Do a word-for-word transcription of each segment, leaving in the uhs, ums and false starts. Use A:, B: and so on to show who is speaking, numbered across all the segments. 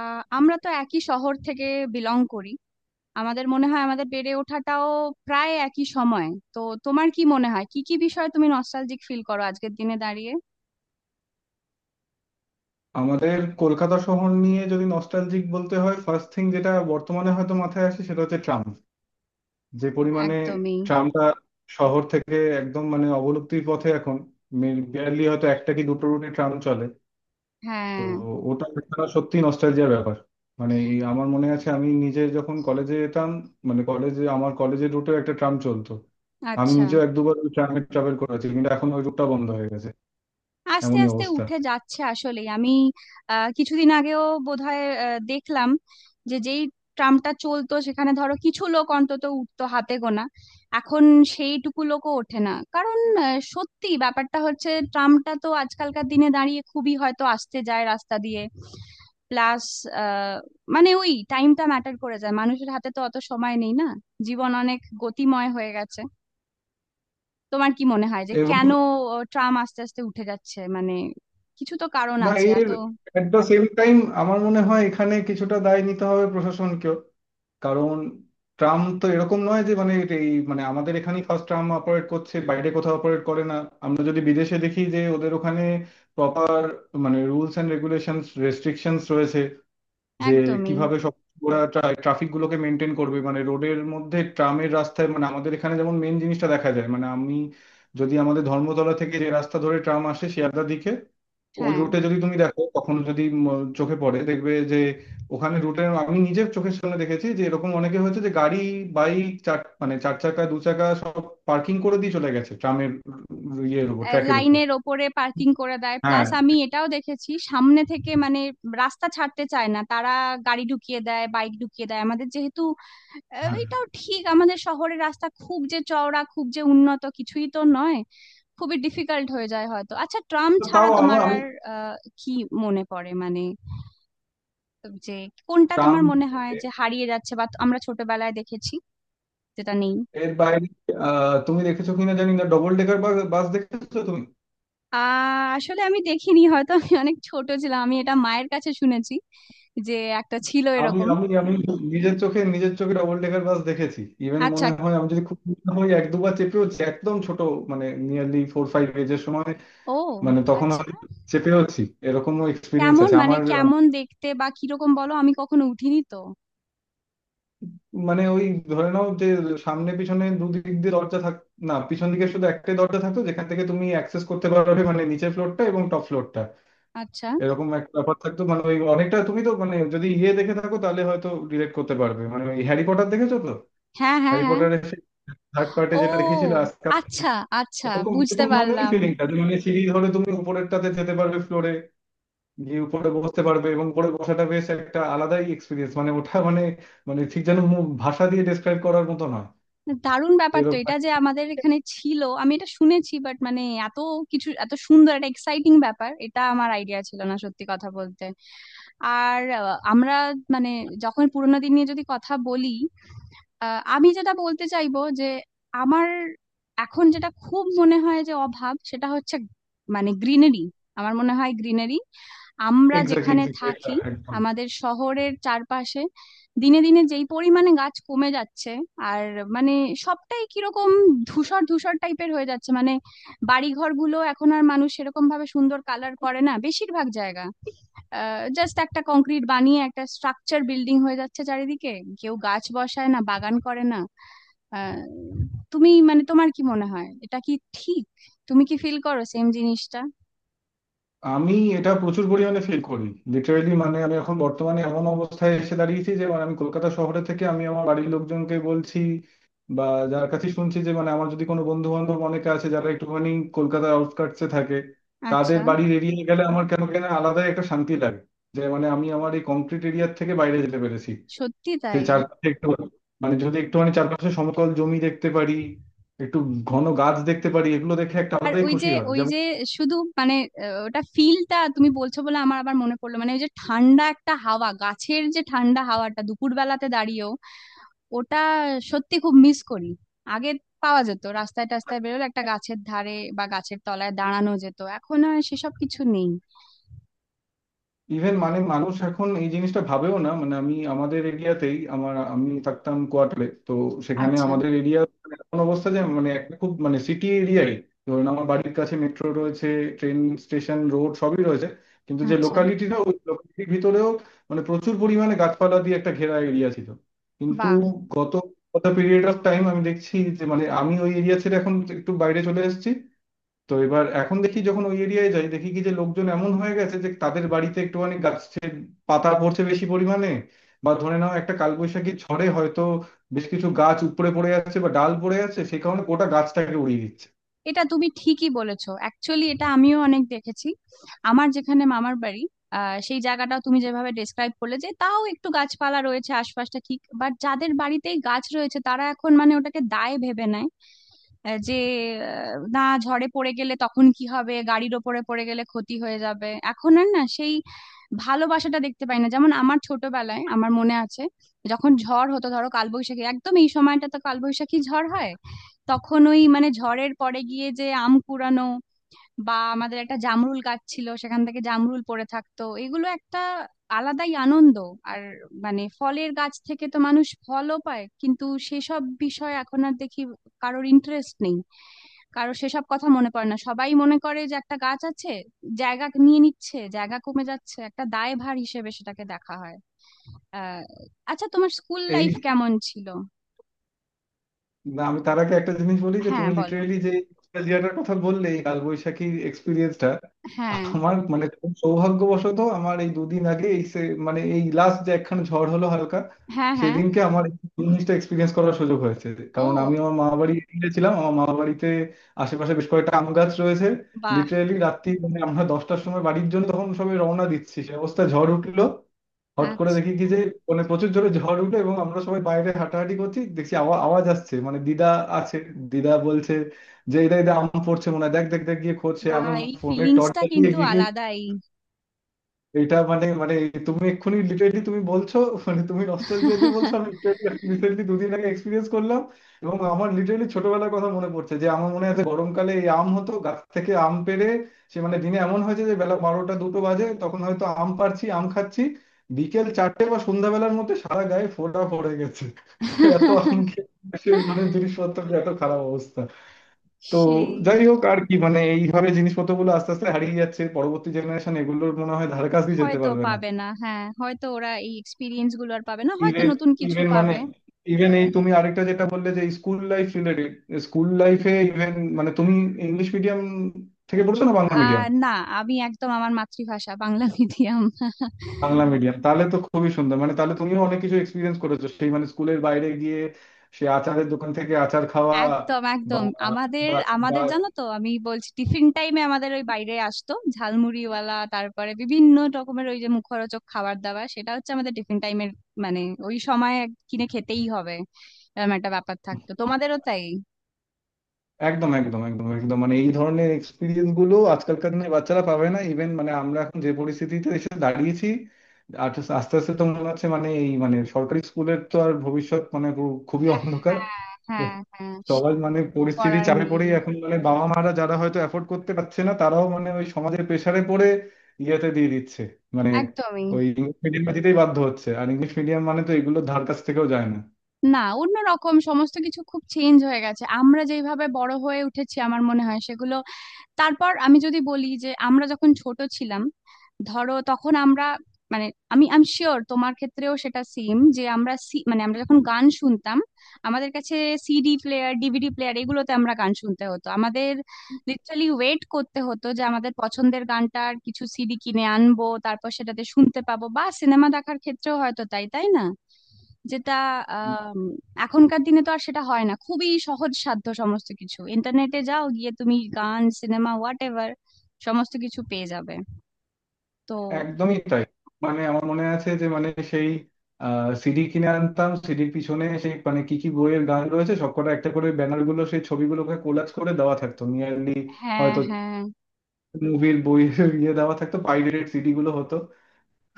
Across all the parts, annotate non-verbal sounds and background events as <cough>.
A: আহ আমরা তো একই শহর থেকে বিলং করি। আমাদের মনে হয় আমাদের বেড়ে ওঠাটাও প্রায় একই সময়। তো তোমার কি মনে হয় কি কি বিষয়ে তুমি নস্টালজিক ফিল করো আজকের দিনে দাঁড়িয়ে?
B: আমাদের কলকাতা শহর নিয়ে যদি নস্টালজিক বলতে হয় ফার্স্ট থিং যেটা বর্তমানে হয়তো মাথায় আসে সেটা হচ্ছে ট্রাম। যে পরিমাণে
A: একদমই।
B: ট্রামটা শহর থেকে একদম মানে অবলুপ্তির পথে এখন, বিয়ারলি হয়তো একটা কি দুটো রুটে ট্রাম চলে। তো
A: হ্যাঁ।
B: ওটা একটা সত্যি নস্টালজিয়ার ব্যাপার। মানে এই আমার মনে আছে আমি নিজে যখন কলেজে যেতাম, মানে কলেজে আমার কলেজের রুটেও একটা ট্রাম চলতো। আমি
A: আচ্ছা।
B: নিজেও এক দুবার ওই ট্রামে ট্রাভেল করেছি কিন্তু এখন ওই রুটটা বন্ধ হয়ে গেছে।
A: আস্তে
B: এমনই
A: আস্তে
B: অবস্থা।
A: উঠে যাচ্ছে আসলেই। আমি আহ, কিছুদিন আগেও বোধহয় আহ, দেখলাম যে যেই ট্রামটা চলতো, সেখানে ধরো কিছু লোক অন্তত উঠতো, হাতে গোনা। এখন সেইটুকু লোকও ওঠে না, কারণ আহ, সত্যি ব্যাপারটা হচ্ছে ট্রামটা তো আজকালকার দিনে দাঁড়িয়ে খুবই হয়তো আসতে যায় রাস্তা দিয়ে। প্লাস, মানে ওই টাইমটা ম্যাটার করে যায়, মানুষের হাতে তো অত সময় নেই না। জীবন অনেক গতিময় হয়ে গেছে। তোমার কি মনে হয় যে
B: এবং
A: কেন আহ, ট্রাম আস্তে আস্তে উঠে যাচ্ছে? মানে কিছু তো কারণ
B: না
A: আছে এত।
B: এর এট দ্য সেম টাইম আমার মনে হয় এখানে কিছুটা দায় নিতে হবে প্রশাসনকেও। কারণ ট্রাম তো এরকম নয় যে মানে এটা এই মানে আমাদের এখানেই ফার্স্ট ট্রাম অপারেট করছে, বাইরে কোথাও অপারেট করে না। আমরা যদি বিদেশে দেখি যে ওদের ওখানে প্রপার মানে রুলস এন্ড রেগুলেশনস রেস্ট্রিকশনস রয়েছে যে
A: একদমই।
B: কিভাবে সব ওরা ট্রাফিক গুলোকে মেনটেন করবে, মানে রোডের মধ্যে ট্রামের রাস্তায়, মানে আমাদের এখানে যেমন মেন জিনিসটা দেখা যায়, মানে আমি যদি আমাদের ধর্মতলা থেকে যে রাস্তা ধরে ট্রাম আসে শিয়ালদার দিকে, ওই
A: হ্যাঁ।
B: রুটে যদি তুমি দেখো তখন যদি ম- চোখে পড়ে দেখবে যে ওখানে রুটে আমি নিজে চোখের সামনে দেখেছি যে এরকম অনেকে হয়েছে যে গাড়ি বাইক চার মানে চার চাকা দু চাকা সব পার্কিং করে দিয়ে চলে গেছে ট্রামের ইয়ের উপর
A: আহ,
B: ট্র্যাকের উপর।
A: লাইনের ওপরে পার্কিং করে দেয়।
B: হ্যাঁ,
A: প্লাস আমি এটাও দেখেছি সামনে থেকে, মানে রাস্তা ছাড়তে চায় না তারা, গাড়ি ঢুকিয়ে দেয়, বাইক ঢুকিয়ে দেয়। আমাদের যেহেতু আহ,
B: হ্যাঁ।
A: এটাও ঠিক, আমাদের শহরের রাস্তা খুব যে চওড়া খুব যে উন্নত কিছুই তো নয়, খুবই ডিফিকাল্ট হয়ে যায় হয়তো। আচ্ছা, ট্রাম
B: তো
A: ছাড়া
B: তাও আমার
A: তোমার
B: আমি
A: আর আহ, কি মনে পড়ে, মানে যে কোনটা
B: ট্রাম
A: তোমার মনে হয় যে হারিয়ে যাচ্ছে, বা আমরা ছোটবেলায় দেখেছি যেটা নেই?
B: এর বাইরে আহ, তুমি দেখেছো কিনা জানি না ডবল ডেকার বাস দেখেছো তুমি?
A: আহ আসলে আমি দেখিনি, হয়তো আমি অনেক ছোট ছিলাম, আমি এটা মায়ের কাছে শুনেছি যে একটা ছিল
B: আমি
A: এরকম।
B: আমি আমি নিজের চোখে নিজের চোখে ডবল ডেকার বাস দেখেছি, ইভেন
A: আচ্ছা।
B: মনে হয় আমি যদি খুব ছোট হই এক দুবার চেপেওছি একদম ছোট, মানে নিয়ারলি ফোর ফাইভ এজের সময়,
A: ও
B: মানে তখন
A: আচ্ছা।
B: আমি চেপেওছি। এরকমও এক্সপিরিয়েন্স
A: কেমন,
B: আছে
A: মানে
B: আমার। আহ,
A: কেমন দেখতে বা কিরকম, বলো, আমি কখনো উঠিনি তো।
B: মানে ওই ধরে নাও যে সামনে পিছনে দুদিক দিয়ে দরজা থাক না, পিছন দিকে শুধু একটাই দরজা থাকতো যেখান থেকে তুমি অ্যাক্সেস করতে পারবে মানে নিচের ফ্লোরটা এবং টপ ফ্লোরটা।
A: আচ্ছা।
B: এরকম একটা ব্যাপার থাকতো, মানে ওই অনেকটা তুমি তো মানে যদি ইয়ে দেখে থাকো তাহলে হয়তো রিলেট করতে পারবে, মানে ওই হ্যারি পটার দেখেছো তো,
A: হ্যাঁ, হ্যাঁ,
B: হ্যারি
A: হ্যাঁ।
B: পটারের থার্ড পার্টে
A: ও।
B: যেটা দেখেছিল আজকাল,
A: আচ্ছা, আচ্ছা,
B: ওরকম
A: বুঝতে
B: ওরকম ধরনেরই
A: পারলাম।
B: ফিলিংটা। মানে সিঁড়ি ধরে তুমি উপরেরটাতে যেতে পারবে ফ্লোরে গিয়ে উপরে বসতে পারবে, এবং উপরে বসাটা বেশ একটা আলাদাই এক্সপিরিয়েন্স, মানে ওটা মানে মানে ঠিক যেন মু- ভাষা দিয়ে ডেসক্রাইব করার মতো নয়
A: দারুণ ব্যাপার তো
B: এরকম।
A: এটা, যে আমাদের এখানে ছিল। আমি এটা শুনেছি, বাট মানে এত কিছু, এত সুন্দর একটা এক্সাইটিং ব্যাপার, এটা আমার আইডিয়া ছিল না সত্যি কথা বলতে। আর আহ, আমরা মানে যখন পুরোনো দিন নিয়ে যদি কথা বলি, আহ, আমি যেটা বলতে চাইবো যে আমার এখন যেটা খুব মনে হয় যে অভাব, সেটা হচ্ছে মানে গ্রিনারি। আমার মনে হয় গ্রিনারি, আমরা
B: এক্স্যাক্টলি,
A: যেখানে
B: এক্স্যাক্টলি,
A: থাকি
B: একদম।
A: আমাদের শহরের চারপাশে দিনে দিনে যেই পরিমাণে গাছ কমে যাচ্ছে, আর মানে সবটাই কিরকম ধূসর ধূসর টাইপের হয়ে যাচ্ছে। মানে বাড়ি ঘরগুলো এখন আর মানুষ সেরকম ভাবে সুন্দর কালার করে না, বেশিরভাগ জায়গা জাস্ট একটা কংক্রিট বানিয়ে একটা স্ট্রাকচার বিল্ডিং হয়ে যাচ্ছে চারিদিকে। কেউ গাছ বসায় না, বাগান করে না। আহ, তুমি মানে তোমার কি মনে হয়, এটা কি ঠিক? তুমি কি ফিল করো সেম জিনিসটা?
B: আমি এটা প্রচুর পরিমাণে ফিল করি, লিটারেলি মানে আমি এখন বর্তমানে এমন অবস্থায় এসে দাঁড়িয়েছি যে মানে আমি কলকাতা শহরে থেকে আমি আমার বাড়ির লোকজনকে বলছি বা যার কাছে শুনছি যে মানে আমার যদি কোনো বন্ধু বান্ধব অনেকে আছে যারা একটুখানি কলকাতার আউটস্কার্টসে থাকে, তাদের
A: আচ্ছা।
B: বাড়ির এরিয়ায় গেলে আমার কেন কেন আলাদা একটা শান্তি লাগে, যে মানে আমি আমার এই কংক্রিট এরিয়ার থেকে বাইরে যেতে পেরেছি
A: সত্যি
B: সেই
A: তাই।
B: চারপাশে একটু, মানে যদি একটুখানি চারপাশে সমতল জমি দেখতে পারি, একটু ঘন গাছ দেখতে পারি, এগুলো দেখে একটা
A: আর
B: আলাদাই
A: ওই যে
B: খুশি হয়।
A: ওই যে শুধু মানে আহ, ওটা ফিলটা তুমি বলছো বলে আমার আবার মনে পড়লো, মানে ওই যে ঠান্ডা একটা হাওয়া, গাছের যে ঠান্ডা হাওয়াটা দুপুরবেলাতে দাঁড়িয়েও, ওটা সত্যি খুব মিস করি। আগে পাওয়া যেত, রাস্তায় টাস্তায় বেরোলে একটা গাছের ধারে বা গাছের তলায় দাঁড়ানো যেত, এখন আর সেসব কিছু নেই।
B: ইভেন মানে মানুষ এখন এই জিনিসটা ভাবেও না, মানে আমি আমাদের এরিয়াতেই আমার আমি থাকতাম কোয়ার্টারে তো, সেখানে
A: আচ্ছা,
B: আমাদের এরিয়া এমন অবস্থা যে মানে একটা খুব মানে সিটি এরিয়াই, ধরুন আমার বাড়ির কাছে মেট্রো রয়েছে, ট্রেন স্টেশন রোড সবই রয়েছে, কিন্তু যে
A: আচ্ছা।
B: লোকালিটিটা ওই লোকালিটির ভিতরেও মানে প্রচুর পরিমাণে গাছপালা দিয়ে একটা ঘেরা এরিয়া ছিল। কিন্তু
A: বাহ।
B: গত গত পিরিয়ড অফ টাইম আমি দেখছি যে মানে আমি ওই এরিয়া ছেড়ে এখন একটু বাইরে চলে এসেছি, তো এবার এখন দেখি যখন ওই এরিয়ায় যাই দেখি কি যে লোকজন এমন হয়ে গেছে যে তাদের বাড়িতে একটুখানি গাছের পাতা পড়ছে বেশি পরিমাণে, বা ধরে নাও একটা কালবৈশাখী ঝড়ে হয়তো বেশ কিছু গাছ উপড়ে পড়ে যাচ্ছে বা ডাল পড়ে যাচ্ছে, সেই কারণে গোটা গাছটাকে উড়িয়ে দিচ্ছে।
A: এটা তুমি ঠিকই বলেছো অ্যাকচুয়ালি, এটা আমিও অনেক দেখেছি। আমার যেখানে মামার বাড়ি, আহ সেই জায়গাটাও তুমি যেভাবে ডেসক্রাইব করলে, যে তাও একটু গাছপালা রয়েছে আশপাশটা ঠিক, বাট যাদের বাড়িতেই গাছ রয়েছে তারা এখন মানে ওটাকে দায় ভেবে নেয়। আহ যে আহ, না, ঝড়ে পড়ে গেলে তখন কি হবে, গাড়ির ওপরে পড়ে গেলে ক্ষতি হয়ে যাবে, এখন আর না সেই ভালোবাসাটা দেখতে পাই না, যেমন আমার ছোটবেলায়। আমার মনে আছে যখন ঝড় হতো ধরো কালবৈশাখী, একদম এই সময়টা তো কালবৈশাখী ঝড় হয়, তখন ওই মানে ঝড়ের পরে গিয়ে যে আম কুড়ানো, বা আমাদের একটা জামরুল গাছ ছিল সেখান থেকে জামরুল পড়ে থাকতো, এগুলো একটা আলাদাই আনন্দ। আর মানে ফলের গাছ থেকে তো মানুষ ফলও পায়, কিন্তু সেসব বিষয় এখন আর দেখি কারোর ইন্টারেস্ট নেই, কারো সেসব কথা মনে পড়ে না। সবাই মনে করে যে একটা গাছ আছে, জায়গা নিয়ে নিচ্ছে, জায়গা কমে যাচ্ছে, একটা দায়ভার হিসেবে সেটাকে দেখা হয়। আহ আচ্ছা, তোমার স্কুল লাইফ
B: এই
A: কেমন ছিল?
B: না, আমি তার আগে একটা জিনিস বলি যে
A: হ্যাঁ,
B: তুমি
A: বলো।
B: লিটারেলি যে নস্টালজিয়াটার কথা বললে, এই কালবৈশাখীর এক্সপিরিয়েন্সটা
A: হ্যাঁ,
B: আমার, মানে খুব সৌভাগ্যবশত আমার এই দুদিন আগে এই সে- মানে এই লাস্ট যে একখানা ঝড় হলো হালকা,
A: হ্যাঁ, হ্যাঁ।
B: সেদিনকে আমার এই জিনিসটা এক্সপিরিয়েন্স করার সুযোগ হয়েছে। কারণ আমি
A: ও।
B: আমার মামা বাড়ি গিয়েছিলাম, আমার মামা বাড়িতে আশেপাশে বেশ কয়েকটা আম গাছ রয়েছে।
A: বাহ।
B: লিটারেলি রাত্রি মানে আমরা দশটার সময় বাড়ির জন্য তখন সবাই রওনা দিচ্ছি, সে অবস্থা ঝড় উঠলো। হট করে
A: আচ্ছা।
B: দেখি কি যে মানে প্রচুর জোরে ঝড় উঠলো, এবং আমরা সবাই বাইরে হাঁটাহাঁটি করছি দেখছি আওয়া- আওয়াজ আসছে। মানে দিদা আছে, দিদা বলছে যে এটা এটা আম পড়ছে মনে হয়, দেখ দেখ দেখ গিয়ে খোঁজ। সে
A: বাহ,
B: আমরা
A: এই
B: ফোনে টর্চ
A: ফিলিংসটা
B: জ্বালিয়ে
A: কিন্তু
B: গিয়ে গিয়ে,
A: আলাদাই।
B: এটা মানে মানে তুমি এক্ষুনি লিটারেলি তুমি বলছো, মানে তুমি নস্টালজিয়া দিয়ে বলছো, আমি লিটারেলি রিসেন্টলি দুদিন আগে এক্সপিরিয়েন্স করলাম। এবং আমার লিটারেলি ছোটবেলার কথা মনে পড়ছে যে আমার মনে আছে গরমকালে এই আম হতো গাছ থেকে আম পেড়ে, সে মানে দিনে এমন হয়েছে যে বেলা বারোটা দুটো বাজে তখন হয়তো আম পাড়ছি আম খাচ্ছি, বিকেল চারটে বা সন্ধ্যাবেলার মধ্যে সারা গায়ে ফোঁটা পড়ে গেছে এত আম খেয়ে। সেই মানে জিনিসপত্র এত খারাপ অবস্থা। তো
A: সেই।
B: যাই হোক আর কি, মানে এইভাবে জিনিসপত্রগুলো আস্তে আস্তে হারিয়ে যাচ্ছে, পরবর্তী জেনারেশন এগুলোর মনে হয় ধারে কাছে যেতে
A: হয়তো
B: পারবে না।
A: পাবে না, হ্যাঁ, হয়তো ওরা এই এক্সপিরিয়েন্স গুলো আর পাবে না, হয়তো
B: ইভেন
A: নতুন কিছু
B: ইভেন মানে
A: পাবে।
B: ইভেন এই তুমি আরেকটা যেটা বললে যে স্কুল লাইফ রিলেটেড, স্কুল লাইফে ইভেন মানে তুমি ইংলিশ মিডিয়াম থেকে পড়ছো না বাংলা
A: আহ
B: মিডিয়াম?
A: না, আমি একদম, আমার মাতৃভাষা বাংলা মিডিয়াম।
B: বাংলা মিডিয়াম তাহলে তো খুবই সুন্দর, মানে তাহলে তুমিও অনেক কিছু এক্সপিরিয়েন্স করেছো সেই, মানে স্কুলের বাইরে গিয়ে সে আচারের দোকান থেকে আচার খাওয়া
A: একদম, একদম। আমাদের
B: বা
A: আমাদের জানো তো, আমি বলছি, টিফিন টাইমে আমাদের ওই বাইরে আসতো ঝালমুড়িওয়ালা, তারপরে বিভিন্ন রকমের ওই যে মুখরোচক খাবার দাবার, সেটা হচ্ছে আমাদের টিফিন টাইমের মানে ওই সময় কিনে খেতেই হবে, এরকম একটা ব্যাপার থাকতো। তোমাদেরও তাই?
B: একদম একদম একদম একদম মানে এই ধরনের এক্সপিরিয়েন্স গুলো আজকালকার দিনে বাচ্চারা পাবে না, ইভেন মানে আমরা এখন যে পরিস্থিতিতে এসে দাঁড়িয়েছি আর আস্তে আস্তে তো মনে হচ্ছে মানে এই মানে সরকারি স্কুলের তো আর ভবিষ্যৎ মানে পুরো- খুবই
A: হ্যাঁ,
B: অন্ধকার।
A: হ্যাঁ, হ্যাঁ। সে
B: সবার মানে
A: তো
B: পরিস্থিতি
A: করার
B: চাপে
A: নেই।
B: পড়েই এখন মানে বাবা মারা যারা হয়তো অ্যাফোর্ড করতে পারছে না তারাও মানে ওই সমাজের প্রেসারে পড়ে ইয়েতে দিয়ে দিচ্ছে, মানে
A: একদমই।
B: ওই ইংলিশ মিডিয়ামে দিতেই বাধ্য হচ্ছে। আর ইংলিশ মিডিয়াম মানে তো এগুলো ধার কাছ থেকেও যায় না।
A: না, অন্যরকম, সমস্ত কিছু খুব চেঞ্জ হয়ে গেছে আমরা যেইভাবে বড় হয়ে উঠেছি, আমার মনে হয় সেগুলো। তারপর আমি যদি বলি, যে আমরা যখন ছোট ছিলাম ধরো, তখন আমরা মানে আমি আমি শিওর তোমার ক্ষেত্রেও সেটা সেম, যে আমরা সি- মানে আমরা যখন গান শুনতাম আমাদের কাছে সিডি প্লেয়ার, ডিভিডি প্লেয়ার, এগুলোতে আমরা গান শুনতে হতো। আমাদের লিটারালি ওয়েট করতে হতো যে আমাদের পছন্দের গানটার কিছু সিডি কিনে আনবো, তারপর সেটাতে শুনতে পাবো, বা সিনেমা দেখার ক্ষেত্রেও হয়তো তাই, তাই না? যেটা, আম, এখনকার দিনে তো আর সেটা হয় না, খুবই সহজ সাধ্য সমস্ত কিছু, ইন্টারনেটে যাও, গিয়ে তুমি গান, সিনেমা, হোয়াট এভার, সমস্ত কিছু পেয়ে যাবে তো।
B: একদমই তাই। মানে আমার মনে আছে যে মানে সেই সিডি কিনে আনতাম, সিডির পিছনে সেই মানে কি কি বইয়ের গান রয়েছে সবকটা একটা করে ব্যানার গুলো সেই ছবিগুলোকে কোলাজ করে দেওয়া থাকতো, নিয়ারলি
A: হ্যাঁ,
B: হয়তো
A: হ্যাঁ।
B: মুভির বই <laughs> ইয়ে দেওয়া থাকতো, পাইরেটেড সিডি গুলো হতো।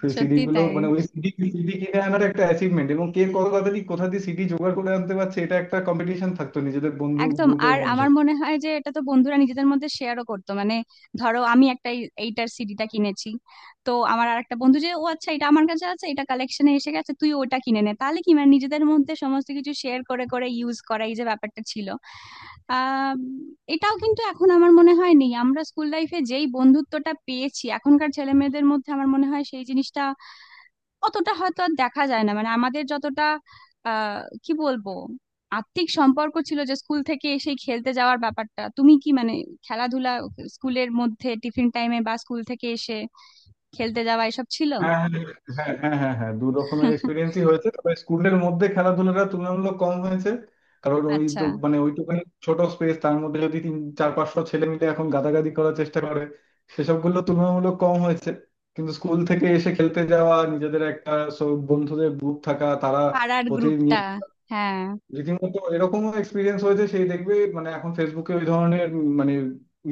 B: সেই সিডি
A: সত্যি
B: গুলো
A: তাই।
B: মানে ওই সিডি সিডি কিনে আনার একটা অ্যাচিভমেন্ট, এবং কে কত কথা দিয়ে কোথা দিয়ে সিডি জোগাড় করে আনতে পারছে এটা একটা কম্পিটিশন থাকতো নিজেদের বন্ধু
A: একদম।
B: গ্রুপের
A: আর
B: মধ্যে।
A: আমার মনে হয় যে এটা তো বন্ধুরা নিজেদের মধ্যে শেয়ারও করতো, মানে ধরো আমি একটা এই- এইটার সিডিটা কিনেছি, তো আমার আর একটা বন্ধু যে, ও আচ্ছা এটা আমার কাছে আছে, এটা কালেকশনে এসে গেছে, তুই ওটা কিনে নে, তাহলে কি মানে নিজেদের মধ্যে সমস্ত কিছু শেয়ার করে করে ইউজ করা, এই যে ব্যাপারটা ছিল। আম, এটাও কিন্তু এখন আমার মনে হয় নেই, আমরা স্কুল লাইফে যেই বন্ধুত্বটা পেয়েছি এখনকার ছেলে মেয়েদের মধ্যে আমার মনে হয় সেই জিনিসটা অতটা হয়তো আর দেখা যায় না, মানে আমাদের যতটা আহ কি বলবো আত্মিক সম্পর্ক ছিল, যে স্কুল থেকে এসে খেলতে যাওয়ার ব্যাপারটা, তুমি কি মানে খেলাধুলা স্কুলের মধ্যে টিফিন টাইমে বা স্কুল থেকে এসে খেলতে যাওয়া, এসব ছিল?
B: হ্যাঁ হ্যাঁ হ্যাঁ হ্যাঁ হ্যাঁ হ্যাঁ, দু রকমের
A: <laughs>
B: এক্সপিরিয়েন্সই হয়েছে, তবে স্কুলের মধ্যে খেলাধুলাটা তুলনামূলক কম হয়েছে, কারণ ওই
A: আচ্ছা।
B: তো মানে ওইটুখানি ছোট স্পেস তার মধ্যে যদি তিন চার পাঁচশো ছেলে মিলে এখন গাদাগাদি করার চেষ্টা করে, সেসবগুলো তুলনামূলক কম হয়েছে। কিন্তু স্কুল থেকে এসে খেলতে যাওয়া, নিজেদের একটা সব বন্ধুদের গ্রুপ থাকা, তারা
A: পাড়ার
B: প্রতিদিন
A: গ্রুপটা। হ্যাঁ,
B: রীতিমতো এরকমও এক্সপিরিয়েন্স হয়েছে। সেই দেখবে মানে এখন ফেসবুকে ওই ধরনের উম মানে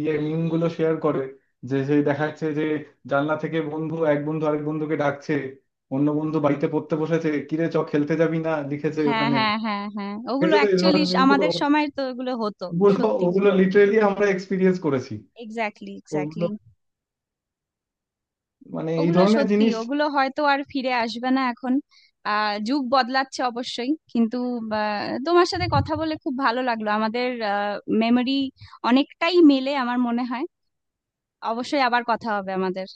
B: ইয়ে মিম গুলো শেয়ার করে যে সেই দেখাচ্ছে যে জানলা থেকে বন্ধু এক বন্ধু আরেক বন্ধুকে ডাকছে, অন্য বন্ধু বাড়িতে পড়তে বসেছে, কিরে চ খেলতে যাবি না লিখেছে
A: হ্যাঁ,
B: ওখানে।
A: হ্যাঁ, হ্যাঁ, হ্যাঁ, ওগুলো
B: দেখেছো তো এই
A: অ্যাকচুয়ালি
B: ধরনের মিম গুলো,
A: আমাদের সময় তো ওগুলো হতো।
B: ওগুলো
A: সত্যি ছিল।
B: ওগুলো লিটারেলি আমরা এক্সপিরিয়েন্স করেছি।
A: এক্স্যাক্টলি,
B: ওগুলো
A: এক্স্যাক্টলি।
B: মানে এই
A: ওগুলো
B: ধরনের
A: সত্যি,
B: জিনিস।
A: ওগুলো হয়তো আর ফিরে আসবে না এখন। আহ যুগ বদলাচ্ছে অবশ্যই, কিন্তু আহ, তোমার সাথে কথা বলে খুব ভালো লাগলো। আমাদের মেমোরি অনেকটাই মেলে আমার মনে হয়। অবশ্যই আবার কথা হবে আমাদের।